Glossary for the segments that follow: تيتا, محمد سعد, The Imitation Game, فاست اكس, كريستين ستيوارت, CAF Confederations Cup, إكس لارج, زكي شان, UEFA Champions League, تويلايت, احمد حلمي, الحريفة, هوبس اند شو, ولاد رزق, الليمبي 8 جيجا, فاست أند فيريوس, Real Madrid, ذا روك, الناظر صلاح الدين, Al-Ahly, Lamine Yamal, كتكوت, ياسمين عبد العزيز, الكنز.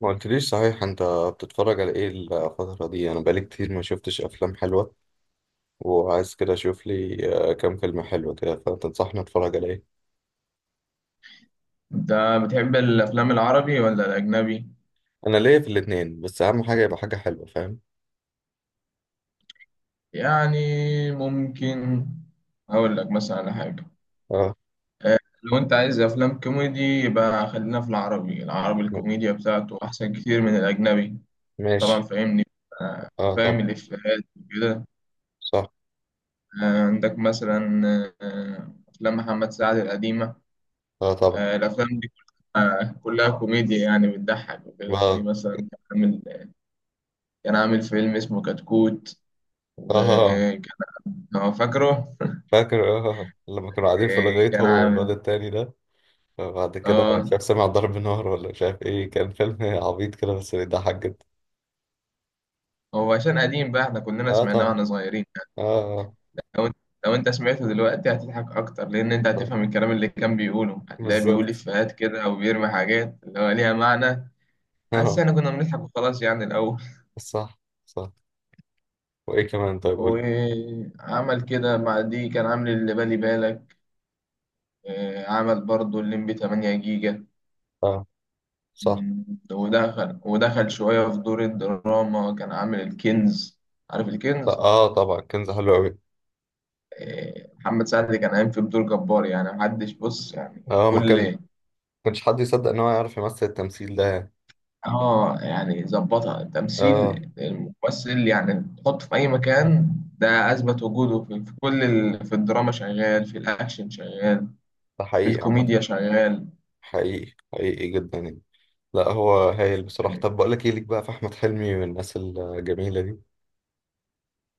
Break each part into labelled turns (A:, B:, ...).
A: ما قلتليش صحيح انت؟ بتتفرج على ايه الفترة دي؟ انا بقالي كتير ما شفتش افلام حلوة وعايز كده اشوف لي كام فيلم حلو كده، فتنصحني اتفرج على ايه؟
B: انت بتحب الافلام العربي ولا الاجنبي؟
A: انا ليا في الاتنين، بس اهم حاجة يبقى حاجة حلوة، فاهم؟
B: يعني ممكن اقول لك مثلا على حاجه.
A: اه.
B: لو انت عايز افلام كوميدي يبقى خلينا في العربي، العربي
A: م-
B: الكوميديا بتاعته احسن كتير من الاجنبي. طبعا
A: ماشي.
B: فاهمني. آه،
A: اه
B: فاهم
A: طبعا.
B: الافيهات وكده.
A: صح.
B: عندك مثلا افلام محمد سعد القديمه.
A: اه طبعا.
B: الافلام دي كلها كلها كوميديا، يعني بتضحك وكده، زي
A: اه.
B: مثلا كان عامل فيلم اسمه كتكوت.
A: اه
B: وكان، هو فاكره؟
A: فاكر، لما كانوا قاعدين في الغيط
B: كان
A: هو والواد
B: عامل.
A: التاني ده، فبعد كده مش
B: اه
A: عارف سمع ضرب نار ولا مش عارف ايه. كان فيلم عبيط كده بس بيضحك جدا.
B: هو عشان قديم بقى احنا كلنا
A: اه
B: سمعناه
A: طبعا.
B: واحنا صغيرين.
A: اه
B: لو انت لو انت سمعته دلوقتي هتضحك اكتر، لان انت
A: طبعا.
B: هتفهم الكلام اللي كان بيقوله، هتلاقيه بيقول
A: بالظبط.
B: افيهات كده او بيرمي حاجات اللي هو ليها معنى. بس احنا كنا بنضحك وخلاص يعني الاول.
A: صح صح. وايه كمان؟ طيب قول لي.
B: وعمل كده مع دي كان عامل اللي بالي بالك. عمل برضه الليمبي 8 جيجا.
A: اه. صح.
B: مم، ودخل شوية في دور الدراما، كان عامل الكنز. عارف الكنز؟
A: اه طبعا، كنز حلو قوي.
B: محمد سعد كان قايم في بدور جبار يعني، محدش بص يعني.
A: اه ما
B: كل
A: كانش حد يصدق ان هو يعرف يمثل، التمثيل ده يعني.
B: اه يعني ظبطها
A: اه.
B: تمثيل الممثل، يعني تحطه في اي مكان. ده اثبت وجوده في كل في الدراما شغال، في الاكشن شغال،
A: ده
B: في
A: حقيقي عامة.
B: الكوميديا شغال.
A: حقيقي حقيقي جدا يعني. لا هو هايل بصراحة.
B: إيه،
A: طب بقول لك ايه؟ ليك بقى في احمد حلمي والناس الجميلة دي.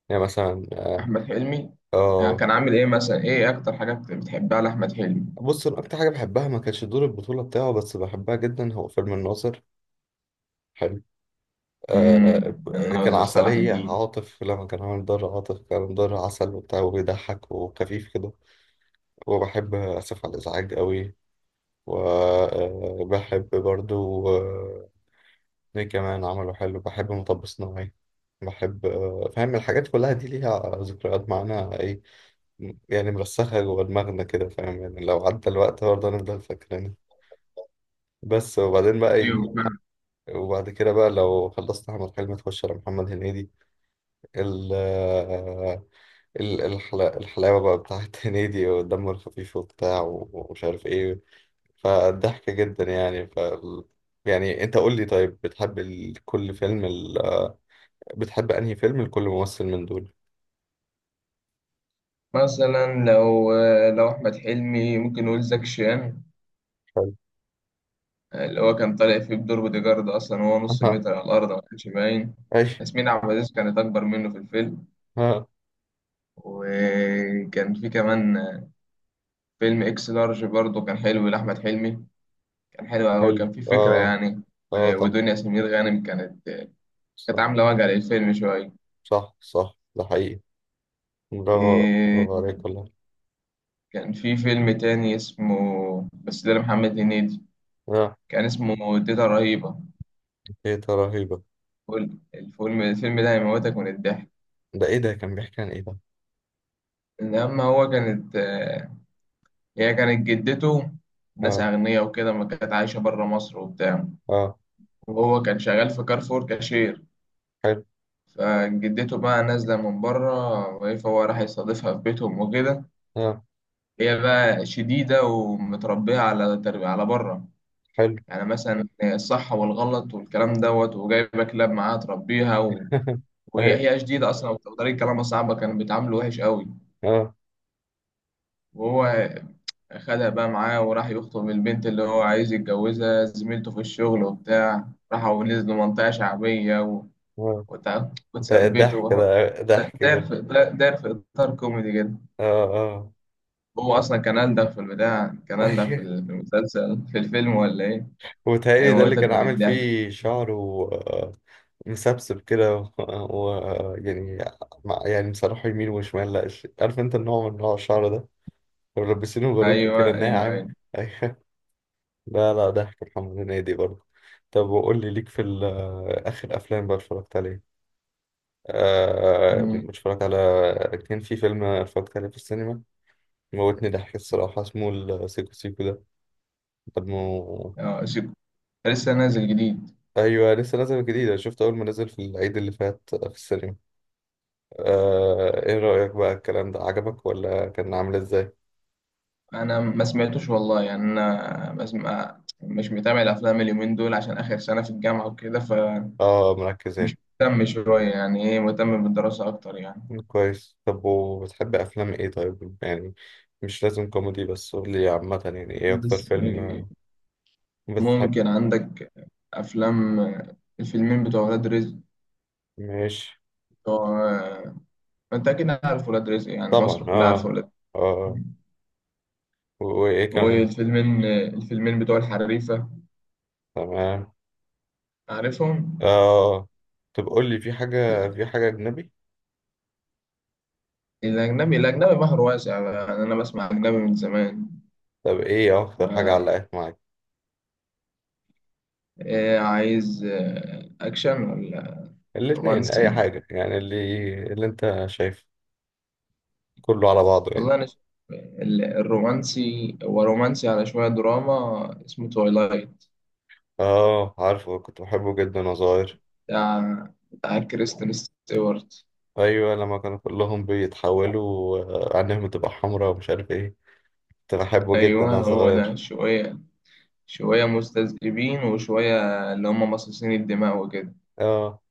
A: يعني مثلا اه
B: احمد حلمي يعني
A: آه،
B: كان عامل ايه مثلا، ايه اكتر حاجه بتحبها لاحمد حلمي؟
A: بص، انا اكتر حاجة بحبها، ما كانش دور البطولة بتاعه بس بحبها جدا، هو فيلم الناظر. حلو. آه، كان
B: الناظر صلاح
A: عسلية
B: الدين.
A: عاطف لما كان عامل دار عاطف، كان دار عسل وبتاع وبيضحك وخفيف كده. وبحب آسف على الإزعاج قوي. وبحب برضو مين كمان عمله حلو؟ بحب مطب صناعي. بحب فاهم، الحاجات كلها دي ليها ذكريات معانا، ايه يعني مرسخة جوه دماغنا كده، فاهم يعني؟ لو عدى الوقت برضه هنفضل فاكرينها. بس.
B: ايوه فعلا.
A: وبعد كده بقى، لو خلصت أحمد حلمي تخش على محمد هنيدي. ال آه، ال- الحلا- الحلاوة بقى بتاعت هنيدي، والدم الخفيف وبتاع ومش عارف ايه، فضحكة جدا يعني. يعني انت قول لي، طيب بتحب كل فيلم بتحب انهي فيلم لكل ممثل من دول؟
B: مثلا لو احمد حلمي ممكن نقول زكي شان،
A: حلو.
B: اللي هو كان طالع فيه بدور بودي جارد، أصلا وهو نص
A: اها.
B: متر على الأرض ما كانش باين.
A: ايش؟
B: ياسمين عبد العزيز كانت أكبر منه في الفيلم.
A: ها.
B: وكان في كمان فيلم إكس لارج برضه، كان حلو لأحمد حلمي. كان حلو أوي،
A: حلو.
B: كان فيه فكرة
A: اه.
B: يعني.
A: اه طبعا.
B: ودنيا سمير غانم كانت
A: صح
B: عاملة وجع للفيلم شوية.
A: صح صح ده حقيقي. برافو.
B: إيه،
A: برافو عليك والله.
B: كان في فيلم تاني اسمه، بس ده لمحمد هنيدي،
A: اه.
B: كان اسمه تيتا رهيبة.
A: ايه ده، رهيبة؟
B: الفيلم ده هيموتك من الضحك.
A: ده ايه ده، كان بيحكي عن ايه ده؟
B: لما هو كانت هي كانت جدته. ناس
A: اه.
B: أغنياء وكده، ما كانت عايشة برا مصر وبتاع.
A: اه
B: وهو كان شغال في كارفور كاشير.
A: حلو.
B: فجدته بقى نازلة من برا، فهو راح يستضيفها في بيتهم وكده.
A: اه
B: هي بقى شديدة ومتربية على تربية على برا.
A: حلو.
B: يعني مثلا الصح والغلط والكلام دوت، وجايبة كلاب معاها تربيها و...
A: ايوه.
B: وهي شديدة أصلا، وطريقة كلامها صعبة، كانوا بيتعاملوا وحش قوي.
A: اه.
B: وهو خدها بقى معاه، وراح يخطب البنت اللي هو عايز يتجوزها، زميلته في الشغل وبتاع، راحوا نزلوا منطقة شعبية و...
A: آه. ده
B: وتثبتوا
A: ضحك، ده ضحك
B: داير
A: جدا.
B: في داير في إطار كوميدي جدا.
A: اه. اه.
B: هو أصلا كان ألدغ في البتاع، كان ألدغ
A: ايوه.
B: في المسلسل، في الفيلم ولا إيه؟
A: وتهيألي ده اللي
B: هيموتك
A: كان
B: من
A: عامل
B: الضحك.
A: فيه شعره آه، مسبسب كده، يعني يعني مسرحه يمين وشمال، لا عارف انت النوع، من نوع الشعر ده، ملبسينه باروكة كده
B: أيوه أيوه
A: ناعم
B: أيوه.
A: ايوه. لا لا، ضحك محمد هنيدي برضه. طب وقول لي، ليك في آخر أفلام بقى اتفرجت عليه؟ آه
B: مم.
A: اتفرجت على كان في فيلم اتفرجت عليه في السينما، موتني ضحك الصراحة، اسمه السيكو سيكو ده. طب ما هو-
B: آه، شك- لسه نازل جديد.
A: ايوه لسه نازل جديد، انا شفته اول ما نزل في العيد اللي فات في السينما. ايه رأيك بقى، الكلام ده عجبك ولا كان عامل ازاي؟
B: أنا ما سمعتوش والله، يعني أنا بسمع، مش متابع الأفلام اليومين دول عشان آخر سنة في الجامعة وكده ف
A: اه مركز،
B: مش
A: ايه.
B: مهتم شوية يعني، إيه مهتم بالدراسة أكتر يعني.
A: كويس. طب وبتحب افلام ايه طيب يعني؟ مش لازم كوميدي، بس قول لي عامة، يعني ايه
B: مم.
A: اكتر
B: بس
A: فيلم بتحب؟
B: ممكن عندك أفلام، الفيلمين بتوع ولاد رزق،
A: ماشي.
B: بتوع، ما أنت أكيد عارف ولاد رزق، يعني
A: طبعا
B: مصر كلها عارفة
A: اه.
B: ولاد
A: اه.
B: رزق.
A: وايه كمان؟
B: والفيلمين بتوع الحريفة،
A: تمام.
B: عارفهم؟
A: اه. طب قول لي، في حاجة اجنبي؟
B: الأجنبي بحر واسع يعني، أنا بسمع أجنبي من زمان.
A: طب ايه
B: ف-
A: اكتر حاجة علقت معاك؟
B: عايز أكشن ولا
A: الاثنين، اي
B: رومانسي؟
A: حاجة يعني، اللي انت شايفه، كله على بعضه ايه.
B: والله أنا شايف الرومانسي، هو رومانسي على شوية دراما، اسمه تويلايت،
A: اه عارفه، كنت بحبه جدا وانا صغير.
B: بتاع كريستين ستيوارت.
A: ايوه لما كانوا كلهم بيتحولوا، عينيهم بتبقى حمراء ومش عارف ايه، كنت بحبه جدا
B: أيوه
A: وانا
B: هو ده،
A: صغير.
B: شوية شوية مستذئبين، وشوية اللي هم مصاصين الدماء وكده.
A: اه.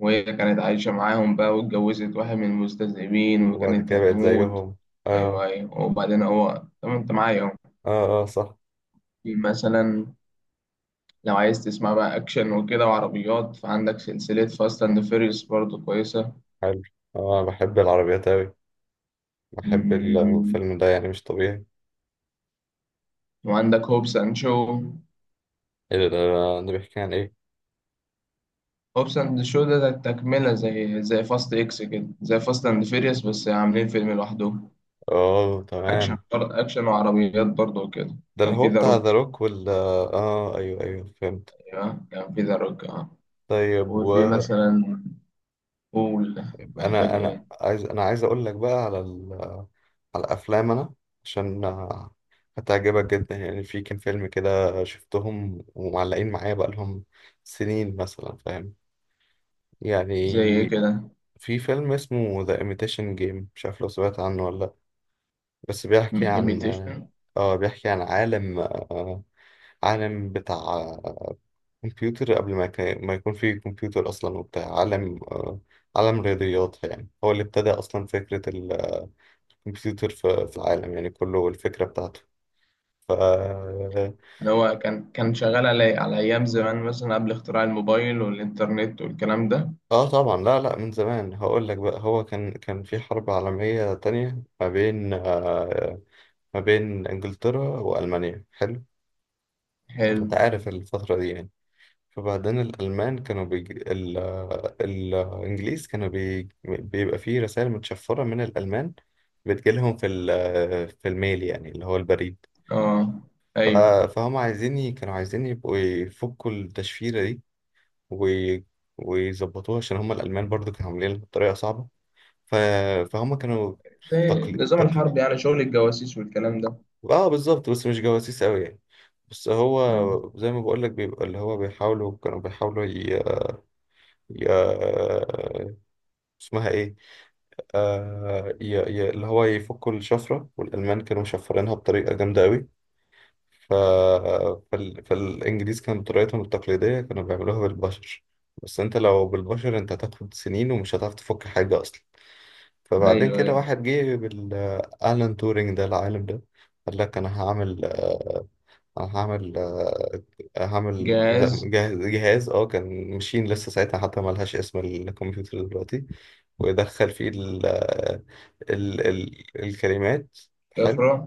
B: وهي كانت عايشة معاهم بقى، واتجوزت واحد من المستذئبين
A: وبعد
B: وكانت
A: كده بقيت
B: هتموت.
A: زيهم.
B: أيوه
A: اه
B: أيوه. وبعدين هو، طب أنت معايا أهو.
A: اه. اه صح.
B: في مثلا، لو عايز تسمع بقى أكشن وكده وعربيات، فعندك سلسلة فاست أند فيريوس برضه كويسة.
A: حلو. اه أنا بحب العربيات اوي، بحب الفيلم ده يعني مش طبيعي.
B: وعندك هوبس اند شو.
A: ايه ده، ده بيحكي عن ايه؟
B: هوبس اند شو ده تكملة، زي فاست اكس كده، زي فاست اند فيريوس بس عاملين فيلم لوحدهم.
A: اه
B: اكشن
A: تمام.
B: اكشن وعربيات برضه كده.
A: ده اللي
B: كان في
A: هو
B: ذا
A: بتاع ذا
B: روك.
A: روك وال اه آه، ايوه ايوه فهمت.
B: ايوه كان في ذا روك اه
A: طيب.
B: وفي مثلا، قول
A: انا
B: محتاج
A: انا
B: ايه.
A: عايز، انا عايز اقول لك بقى على على الافلام، انا عشان هتعجبك جدا يعني. في كام فيلم كده شفتهم ومعلقين معايا بقى لهم سنين، مثلا فاهم
B: زي ايه
A: يعني.
B: كده.
A: في فيلم اسمه The Imitation Game، مش عارف لو سمعت عنه ولا لا، بس بيحكي عن
B: ايميتيشن.
A: بيحكي عن عالم، عالم بتاع كمبيوتر قبل ما ما يكون في كمبيوتر اصلا. وبتاع عالم، عالم رياضيات، يعني هو اللي ابتدى اصلا فكرة كمبيوتر في العالم يعني كله، والفكرة بتاعته. ف
B: اللي هو كان شغال على ايام زمان مثلا، قبل اختراع الموبايل والانترنت والكلام ده.
A: اه طبعا، لا لا، من زمان. هقول لك بقى، هو كان في حرب عالمية تانية، ما بين ما بين انجلترا والمانيا. حلو.
B: حلو.
A: انت عارف الفترة دي يعني. فبعدين الألمان كانوا الإنجليز كانوا بيبقى فيه رسائل متشفرة من الألمان، بتجيلهم في في الميل يعني، اللي هو البريد.
B: اه
A: ف...
B: ايوه.
A: فهم عايزين كانوا عايزين يبقوا يفكوا التشفيرة دي، و- ويظبطوها، عشان هم الألمان برضو كانوا عاملينها بطريقة صعبة. ف... فهم كانوا في
B: زي
A: تقليد
B: النظام
A: تقليد
B: الحربي يعني، شغل الجواسيس والكلام ده.
A: اه بالظبط، بس مش جواسيس قوي يعني. بس هو زي ما بقول لك، بيبقى اللي هو بيحاولوا، كانوا بيحاولوا ي... اسمها ايه؟ اللي هو يفكوا الشفرة، والألمان كانوا مشفرينها بطريقة جامدة قوي. ف... فالإنجليز كانوا بطريقتهم التقليدية كانوا بيعملوها بالبشر، بس انت لو بالبشر انت هتاخد سنين ومش هتعرف تفك حاجة اصلا. فبعدين
B: ايوه
A: كده
B: ايوه.
A: واحد جه، بالألان تورينج ده، العالم ده. قال لك أنا هعمل أنا هعمل آه، هعمل
B: جاهز.
A: جهاز، كان ماشين لسه ساعتها، حتى ملهاش اسم الكمبيوتر دلوقتي. ويدخل فيه ال الكلمات. حلو.
B: افرح.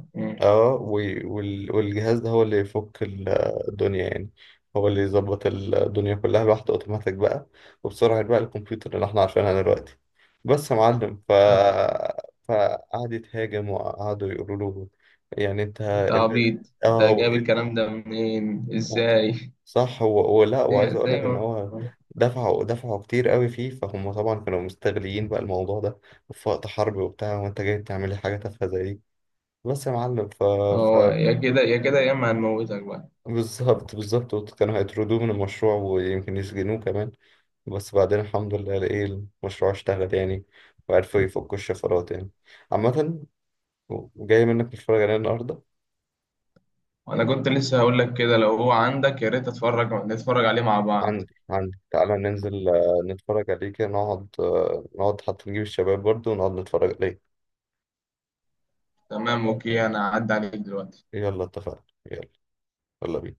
A: اه. والجهاز ده هو اللي يفك الدنيا يعني، هو اللي يظبط الدنيا كلها لوحده اوتوماتيك بقى، وبسرعة بقى الكمبيوتر اللي احنا عارفينها دلوقتي، بس يا معلم.
B: آه.
A: فقعد يتهاجم، وقعدوا يقولوا له يعني انت
B: انت
A: ال...
B: عبيط، انت
A: اه و...
B: جايب
A: ال-
B: الكلام ده منين
A: و...
B: ازاي؟
A: صح، هو ولا؟ وعايز
B: زي
A: اقول
B: زي
A: لك ان
B: ما
A: هو دفعوا كتير قوي فيه، فهم طبعا كانوا مستغلين بقى الموضوع ده في وقت حرب وبتاع، وانت جاي تعمل لي حاجة تافهة زي دي، بس يا معلم. ف...
B: هو، يا كده يا كده، يا اما هنموتك بقى.
A: بالظبط بالظبط، كانوا هيطردوه من المشروع ويمكن يسجنوه كمان، بس بعدين الحمد لله، ايه، المشروع اشتغل يعني، وعرفوا يفكوا الشفرات يعني، عامة. جاي منك نتفرج عليه النهاردة.
B: وانا كنت لسه هقول لك كده، لو هو عندك يا ريت نتفرج عليه مع بعض.
A: عندي، تعالى ننزل نتفرج عليه كده، نقعد نقعد، حتى نجيب الشباب برضه ونقعد نتفرج عليه.
B: تمام اوكي، انا هعدي عليك دلوقتي.
A: يلا اتفقنا. يلا. يلا بينا.